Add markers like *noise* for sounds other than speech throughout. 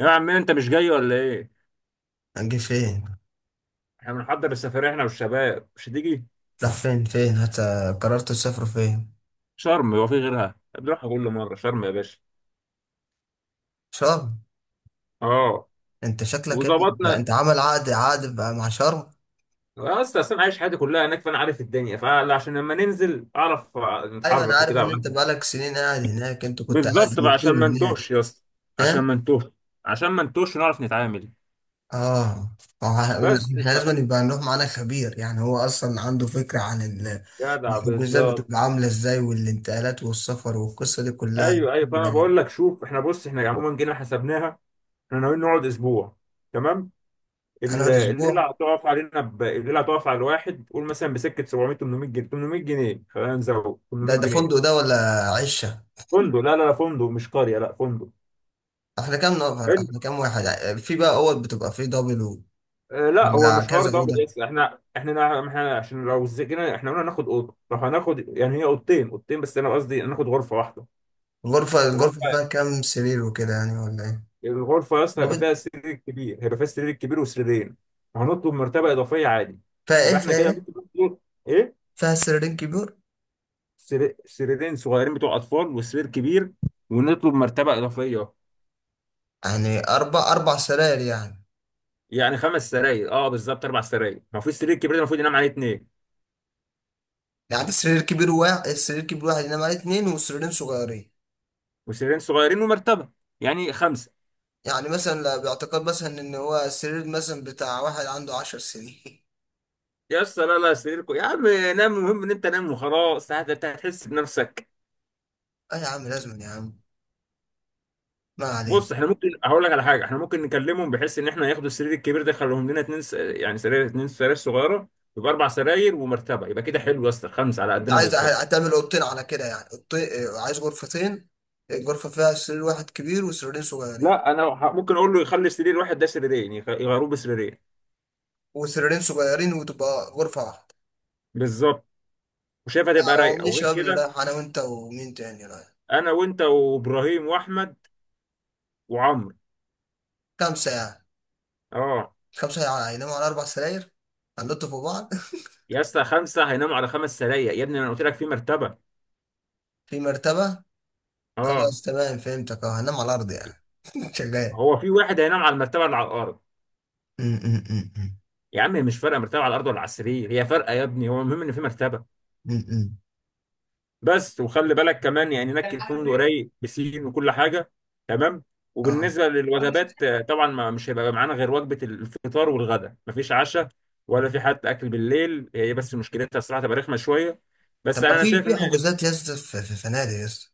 يا عم، انت مش جاي ولا ايه؟ هنجي فين؟ احنا بنحضر السفرية احنا والشباب. مش هتيجي؟ راح فين؟ قررت تسافر فين؟ شرم، هو في غيرها؟ بنروحها كل مرة شرم يا باشا. شرم؟ اه. انت شكلك يا ابني انت وظبطنا. أنت عامل عقد بقى مع شرم. اه، اصلا عايش حياتي كلها هناك، فانا عارف الدنيا. فعشان لما ننزل اعرف ايوه، انا نتحرك عارف وكده ان أبقى عارف. انت بقالك سنين قاعد هناك، انت كنت قاعد بالظبط بقى، عشان ما مقيم نتوهش هناك. يا اسطى. عشان ها. ما نتوهش. عشان ما نتوهش ونعرف نتعامل. اه. ما هو ه- بس احنا ف... لازم يبقى نروح معانا خبير، يعني هو اصلا عنده فكره عن ال- جدع، الحجوزات بالظبط. بتبقى عامله ازاي، والانتقالات والسفر والقصه دي كلها. ايوه، ايوه، فانا يعني بقول لك شوف، احنا بص احنا عموما جينا حسبناها. احنا ناويين نقعد اسبوع. تمام. هنقعد اسبوع. الليله هتقف على الواحد، قول مثلا بسكه 700، 800 جنيه. 800 جنيه، خلينا نزود. ده 800 ده جنيه فندق ده ولا عشه؟ فندق، لا لا لا، فندق مش قريه، لا فندق. احنا كام نفر؟ حلو. احنا كام واحد؟ في بقى اوض بتبقى فيه دبل؟ آه لا، هو ده مش حوار كذا دبل أوضة. يس. احنا عشان لو زجنا احنا قلنا ناخد اوضه، لو هناخد يعني هي اوضتين، اوضتين، بس انا قصدي ناخد غرفه واحده. الغرفة غرفه. فيها كام سرير وكده، يعني ولا إيه؟ الغرفه يا اسطى ده هيبقى بت- فيها سرير كبير، هيبقى فيها سرير كبير وسريرين. وهنطلب مرتبه اضافيه عادي. فيها إيه؟ يبقى احنا كده ممكن نطلب. ايه؟ فيها سريرين كبير؟ سريرين صغيرين بتوع اطفال وسرير كبير. ونطلب مرتبه اضافيه. يعني أربع سراير يعني. يعني خمس سراير، اه بالظبط، اربع سراير، ما في السرير الكبير ده المفروض ينام عليه اثنين. يعني سرير كبير واحد، السرير كبير واحد ينام عليه اتنين وسريرين صغيرين. وسريرين صغيرين ومرتبه. يعني خمسه. يعني مثلا باعتقاد مثلا إن هو السرير مثلا بتاع واحد عنده عشر سنين. يا اسطى لا لا، سريركم يا عم، نام، المهم ان انت نام وخلاص. هتحس بنفسك. *laughs* أه يا عم، لازم يا عم. ما بص، احنا علينا. ممكن، هقول لك على حاجه، احنا ممكن نكلمهم بحيث ان احنا ياخدوا السرير الكبير ده، يخليهم لنا اتنين يعني سرير، اتنين سراير صغيره. يبقى اربع سراير ومرتبه. يبقى كده حلو يا اسطى، خمسه على أنت قدنا عايز بالظبط. هتعمل أوضتين، على كده يعني أوضتين. عايز غرفتين، غرفة فيها سرير واحد كبير وسريرين صغيرين، لا، انا ممكن اقول له يخلي سرير واحد ده سريرين، يغيروه بسريرين. وسريرين صغيرين، وتبقى غرفة واحدة. بالظبط. وشايفها لا، تبقى هو رايقه. مين وغير الشباب اللي كده، رايح؟ انا وانت ومين تاني رايح؟ انا وانت وابراهيم واحمد. وعمرو. خمسة يعني. اه. خمسة يعني هيناموا على اربع سراير، هنلطوا في بعض. يا اسطى، خمسه هيناموا على خمس سرايا يا ابني، انا قلت لك في مرتبه. *laughs* في مرتبة. اه، خلاص تمام، فهمتك. اه، هنام على الارض يعني. *laughs* شغال. هو في واحد هينام على المرتبه اللي على الارض. م- م- م- يا عم مش فارقه، مرتبه على الارض ولا على السرير، هي فارقه يا ابني؟ هو المهم ان في مرتبه. م- م- م. بس، وخلي بالك كمان، يعني نكي الفندق رايق بسين وكل حاجه. تمام. اه. وبالنسبه للوجبات، طبعا ما مش هيبقى معانا غير وجبه الفطار والغداء، مفيش عشاء. ولا في حتى اكل بالليل، هي بس مشكلتها الصراحه تبقى رخمه شويه. بس طب ما انا في شايف ان حجوزات يا اسطى، في فنادق يا اسطى.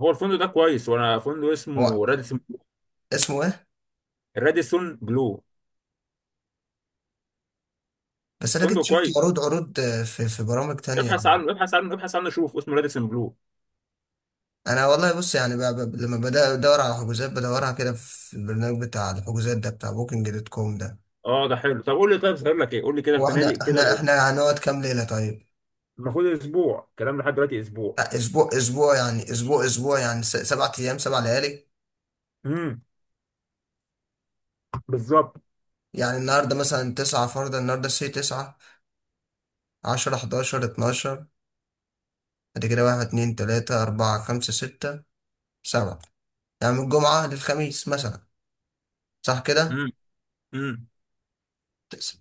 هو الفندق ده كويس. وانا فندق هو اسمه راديسون. اسمه ايه؟ راديسون بلو. بس انا كنت فندق شفت كويس. عروض، في برامج تانية. ابحث عنه، ابحث عنه، ابحث عنه، شوف اسمه راديسون بلو. انا والله، بص يعني، لما بدأ ادور على حجوزات، بدورها كده في البرنامج بتاع الحجوزات ده، بتاع بوكينج دوت كوم ده. اه ده حلو، طب قول لي، طيب صغير لك ايه؟ قول لي كده هو احنا الفنادق كده احنا لو. احنا هنقعد كام ليلة طيب؟ المفروض اسبوع كلام، لحد دلوقتي اسبوع. لا، اسبوع يعني سبع ايام سبع ليالي. امم. بالظبط. يعني النهارده مثلا تسعة، فرضا النهارده سي تسعة، عشرة، حداشر، اتناشر، بعد كده واحد، اتنين، تلاتة، أربعة، خمسة، ستة، سبعة. يعني من الجمعة للخميس مثلا، صح كده؟ امم. تس-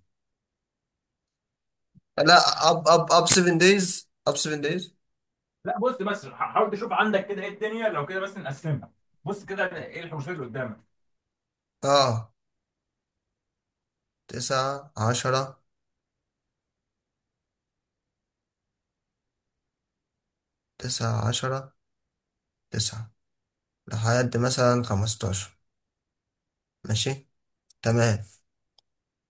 لا، أب سفن دايز، أب سفن دايز. لا بص، بس حاول تشوف عندك كده ايه الدنيا، لو كده بس نقسمها. بص كده ايه الحوشات اللي قدامك. اه، تسعة، عشرة، تسعة، عشرة، تسعة، لحد مثلا خمستاشر. ماشي، تمام.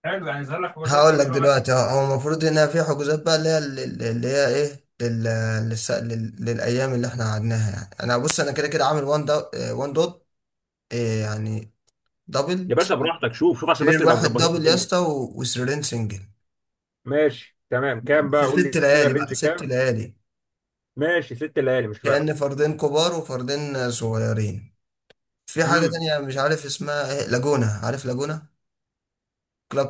حلو، يعني ظهر لك حوشات ايه هقول لك دلوقتي؟ دلوقتي. اه، هو المفروض هنا في حجوزات بقى، اللي هي اللي هي ايه، للايام اللي احنا قعدناها. يعني انا بص، انا كده كده عامل، وان دوت. اه، يعني دبل، يا باشا براحتك، شوف شوف، عشان بس سرير نبقى واحد مظبطين دبل يا الدنيا. اسطى و... وسريرين سنجل. ماشي تمام، كام بقى؟ في قول لي ست كده ليالي بقى، الرينج ست كام. ليالي. ماشي، 6 ليالي مش فارقه. كأن فردين كبار وفردين صغيرين. في حاجة امم. تانية مش عارف اسمها ايه، لاجونا، عارف لاجونا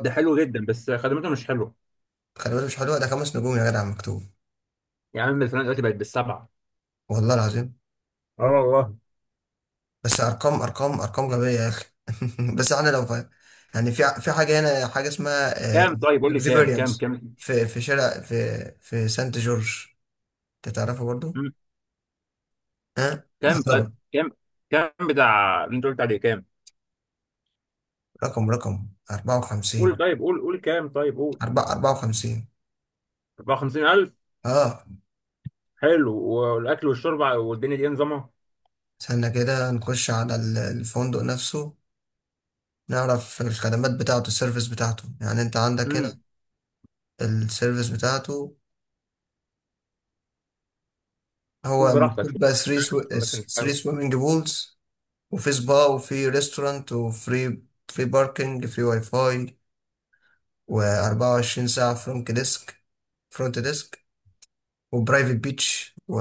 ده حلو جدا بس خدمته مش حلوه. خلي بالك، مش حلوة؟ ده خمس نجوم يا جدع مكتوب. يا عم الفلانه دلوقتي بقت بالسبعه. والله العظيم. اه والله. بس ارقام، ارقام غبيه يا اخي. *laughs* بس احنا لو فاهم. يعني في حاجه هنا حاجه اسمها كام طيب؟ قول لي كام كام اكسبيرينس، كام. في شارع، في سانت جورج، انت تعرفه برضو؟ امم. ها، لا كام طيب طبعا. كام؟ كام بتاع اللي انت قلت عليه كام؟ رقم قول 54، طيب، قول قول كام، طيب قول. 4 54. 54000. اه، حلو، والاكل والشرب والدنيا دي نظامها؟ استنى كده نخش على الفندق نفسه، نعرف الخدمات بتاعته، السيرفيس بتاعته. يعني انت عندك هنا امم. السيرفيس بتاعته. شوف هو براحتك، مكتوب شوف، بقى 3 عشان بس مش حاجه. سويمنج بولز، وفي سبا، وفي ريستورانت، فري باركنج، فري واي فاي، و24 ساعة فرونت ديسك، وبرايفت بيتش و...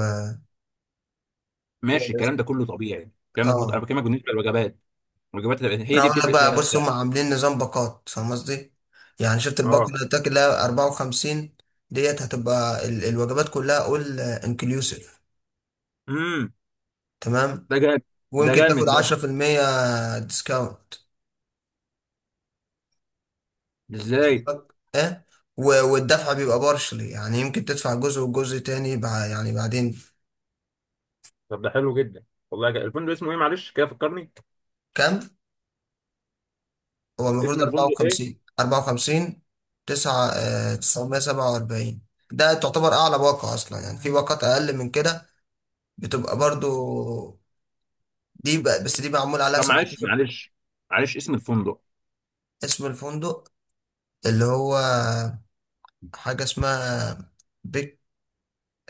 ماشي، و- الكلام ده كله طبيعي، الكلام ده كله انا اه، بكلمك بالنسبه للوجبات. الوجبات هي انا دي اقول لك بتفرق فيها بقى، بص هم السعر. عاملين نظام باقات، فاهم قصدي؟ يعني شفت الباقة اه. اللي قلت لك اللي هي 54؟ ديت هتبقى الوجبات كلها اول انكلوسيف، امم. تمام، ده جامد. ده ويمكن جامد تاخد ده. 10% ديسكاونت. ازاي؟ ها، والدفع بيبقى بارشلي، يعني يمكن تدفع جزء وجزء تاني يعني بعدين. طب ده حلو جدا. والله جا. الفندق اسمه ايه؟ معلش كده فكرني. كام هو اسم المفروض؟ الفندق ايه؟ 54، 54 9 آه، 947. ده تعتبر اعلى باقة اصلا، يعني في باقات اقل من كده، بتبقى برضو. دي بقى، بس دي معمول عليها طب معلش، 17. معلش. معلش، اسم الفندق. اسم الفندق اللي هو حاجة اسمها بيك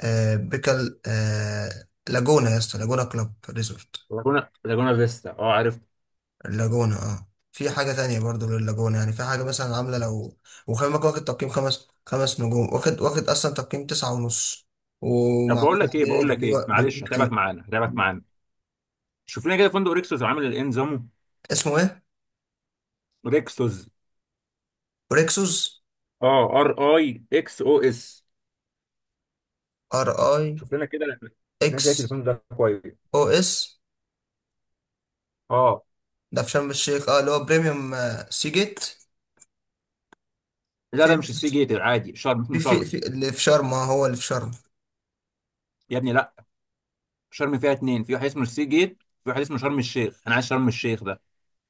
بيكال، لاجونا يا اسطى، لاجونا كلوب ريزورت. لاجونا، لاجونا فيستا، اه عرفت. اللاجونة، اه، في حاجة تانية برضو لللاجونة، يعني في حاجة مثلا عاملة لو. وخلي بالك، واخد تقييم خمس نجوم، واخد أصلا تقييم تسعة ونص، طب ومعمول بقول لك ايه، عليه بقول لك ريفيو ايه، ريفيو معلش هتعبك كتير. معانا، هتعبك معانا. شوف لنا كده فندق ريكسوس عامل ايه نظامه. اسمه ايه؟ ريكسوس. ريكسوس. اه، ار اي اكس او اس. ار اي شوف لنا كده. الناس اكس هي، التليفون ده كويس. او اس. اه. ده في شرم الشيخ، اه، اللي هو بريميوم، سي جيت. لا، في ده مش السي ريكسوس؟ جيت العادي. شرم في اسمه في شرم. في اللي في شرم، اه هو اللي في شرم. يا ابني لا، شرم فيها اتنين، في واحد اسمه السي جيت، في واحد اسمه شرم الشيخ، انا عايز شرم الشيخ ده.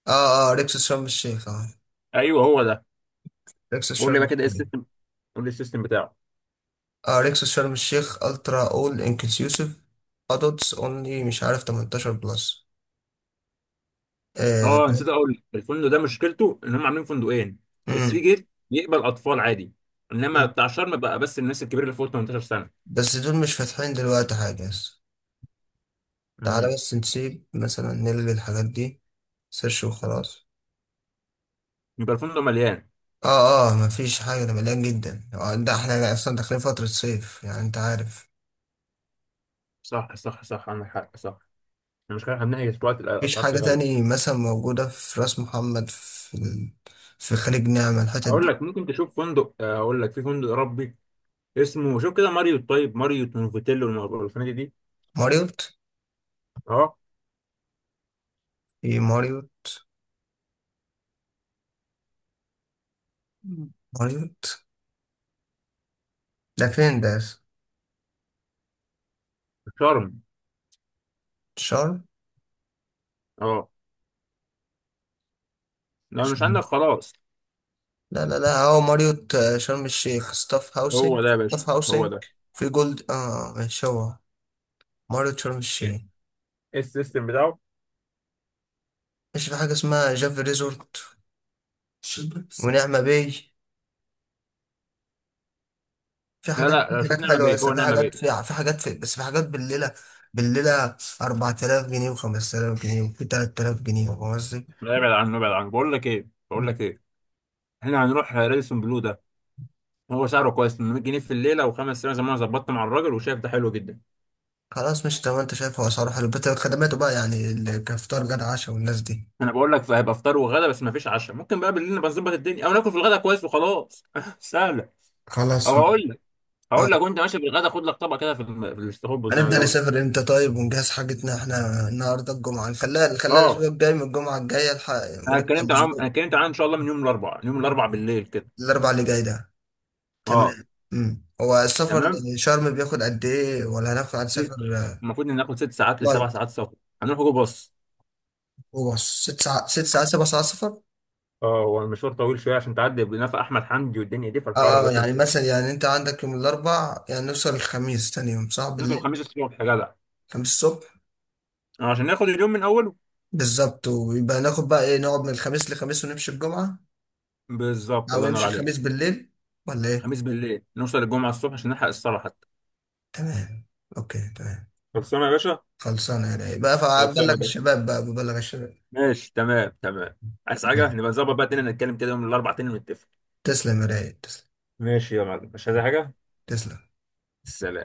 اه ريكسوس شرم الشيخ. اه ايوه هو ده. ريكسوس قول لي شرم بقى كده ايه الشيخ. السيستم. قول لي السيستم بتاعه. اريكسوس شرم الشيخ الترا اول انكلوسيف، ادults اونلي، مش عارف، 18 بلس. آه اه، ده. نسيت اقول لك، الفندق ده مشكلته ان هم عاملين فندقين. السي مم. جيت يقبل اطفال عادي. انما مم. بتاع شرم بقى، بس الناس الكبيره اللي فوق 18 سنه. بس دول مش فاتحين دلوقتي حاجة. تعالى امم. بس نسيب، مثلا نلغي الحاجات دي، سيرش وخلاص. يبقى الفندق مليان. اه مفيش حاجة، ده مليان جدا. ده احنا اصلا داخلين فترة صيف، يعني انت عارف. صح صح صح، عندك حق، صح. المشكله احنا بنحكي دلوقتي، مفيش الاسعار فيه حاجة غاليه. تاني مثلا موجودة في راس محمد، في خليج نعمة الحتت هقول دي؟ لك ممكن تشوف فندق، هقول لك في فندق اوروبي. اسمه، شوف كده ماريوت، طيب ماريوت نوفوتيلو والفنادق دي. ماريوت؟ اه. في ماريوت؟ ماريوت ده فين ده؟ شرم. شرم؟ اه. لو مش عندك خلاص. لا، هو ماريوت، شرم الشيخ ستاف هو هاوسنج. ده يا باشا. هو ده. في جولد، اه ماشي. هو ماريوت شرم ايه؟ الشيخ. إيه السيستم بتاعه؟ ماشي. في حاجة اسمها جافي ريزورت ونعمة باي. في لا حاجات، لا، شوف نعمة حلوة، بيه، بس هو في نعمة حاجات، بيه. في في حاجات في بس في حاجات بالليلة، بالليلة 4000 جنيه، و5000 جنيه، وفي 3000 جنيه. فاهم قصدي؟ لا، ابعد عنه، ابعد عنه، بقول لك ايه، بقول مم. لك ايه، احنا هنروح راديسون بلو ده. هو سعره كويس، 800 جنيه في الليله، وخمس سنين زي ما انا ظبطت مع الراجل، وشايف ده حلو جدا. خلاص، مش تمام. انت شايف هو اسعاره حلو، بس خدماته بقى يعني كفطار غدا عشاء والناس دي. انا بقول لك هيبقى فطار وغدا، بس ما فيش عشاء. ممكن بقى بالليل نبقى نظبط الدنيا، او ناكل في الغدا كويس وخلاص. *laughs* سهله. خلاص. او هقول. اه، هقول لك، وانت ماشي بالغدا خد لك طبق كده في في الاستخبص، زي ما هنبدأ بيقولوا. نسافر امتى طيب، ونجهز حاجتنا؟ احنا النهارده الجمعة، نخليها الأسبوع اه. الجاي، من الجمعة الجاية الحق، انا ونبدأ اتكلمت عنهم، انا الأسبوع اتكلمت عنهم، ان شاء الله من يوم الاربعاء، من يوم الاربعاء بالليل كده. الأربع اللي جاي ده. اه. تمام. مم. هو السفر تمام. لشرم بياخد قد إيه؟ ولا هناخد هنسافر ست. المفروض ان ناخد 6 ساعات لسبع فلايت؟ ساعات سفر. هنروح جو، باص. هو ست ساعات، سبع ساعات سفر؟ اه، هو المشوار طويل شويه عشان تعدي بنفق احمد حمدي والدنيا دي، فالحوار اه. رخم يعني مثلا شويه. يعني أنت عندك يوم الأربع، يعني نوصل الخميس تاني يوم، صح، نوصل بالليل؟ الخميس الصبح يا جدع. خميس الصبح. آه، عشان ناخد اليوم من اوله. بالظبط، ويبقى ناخد بقى إيه، نقعد من الخميس لخميس ونمشي الجمعة، بالظبط، أو الله ينور نمشي عليك. الخميس بالليل، ولا إيه؟ خميس بالليل نوصل الجمعه الصبح عشان نلحق الصلاه حتى. تمام، أوكي تمام. خلصانه يا باشا. خلصانة يا رايق بقى، خلصانه فبلغ يا باشا. الشباب، بقى ببلغ الشباب. ماشي تمام، تمام. عايز حاجه، ماشي. نبقى نظبط بقى تاني، نتكلم كده يوم الاربعاء تاني ونتفق. تسلم يا رايق، تسلم. ماشي يا معلم، مش عايز حاجة. تسلم. سلام.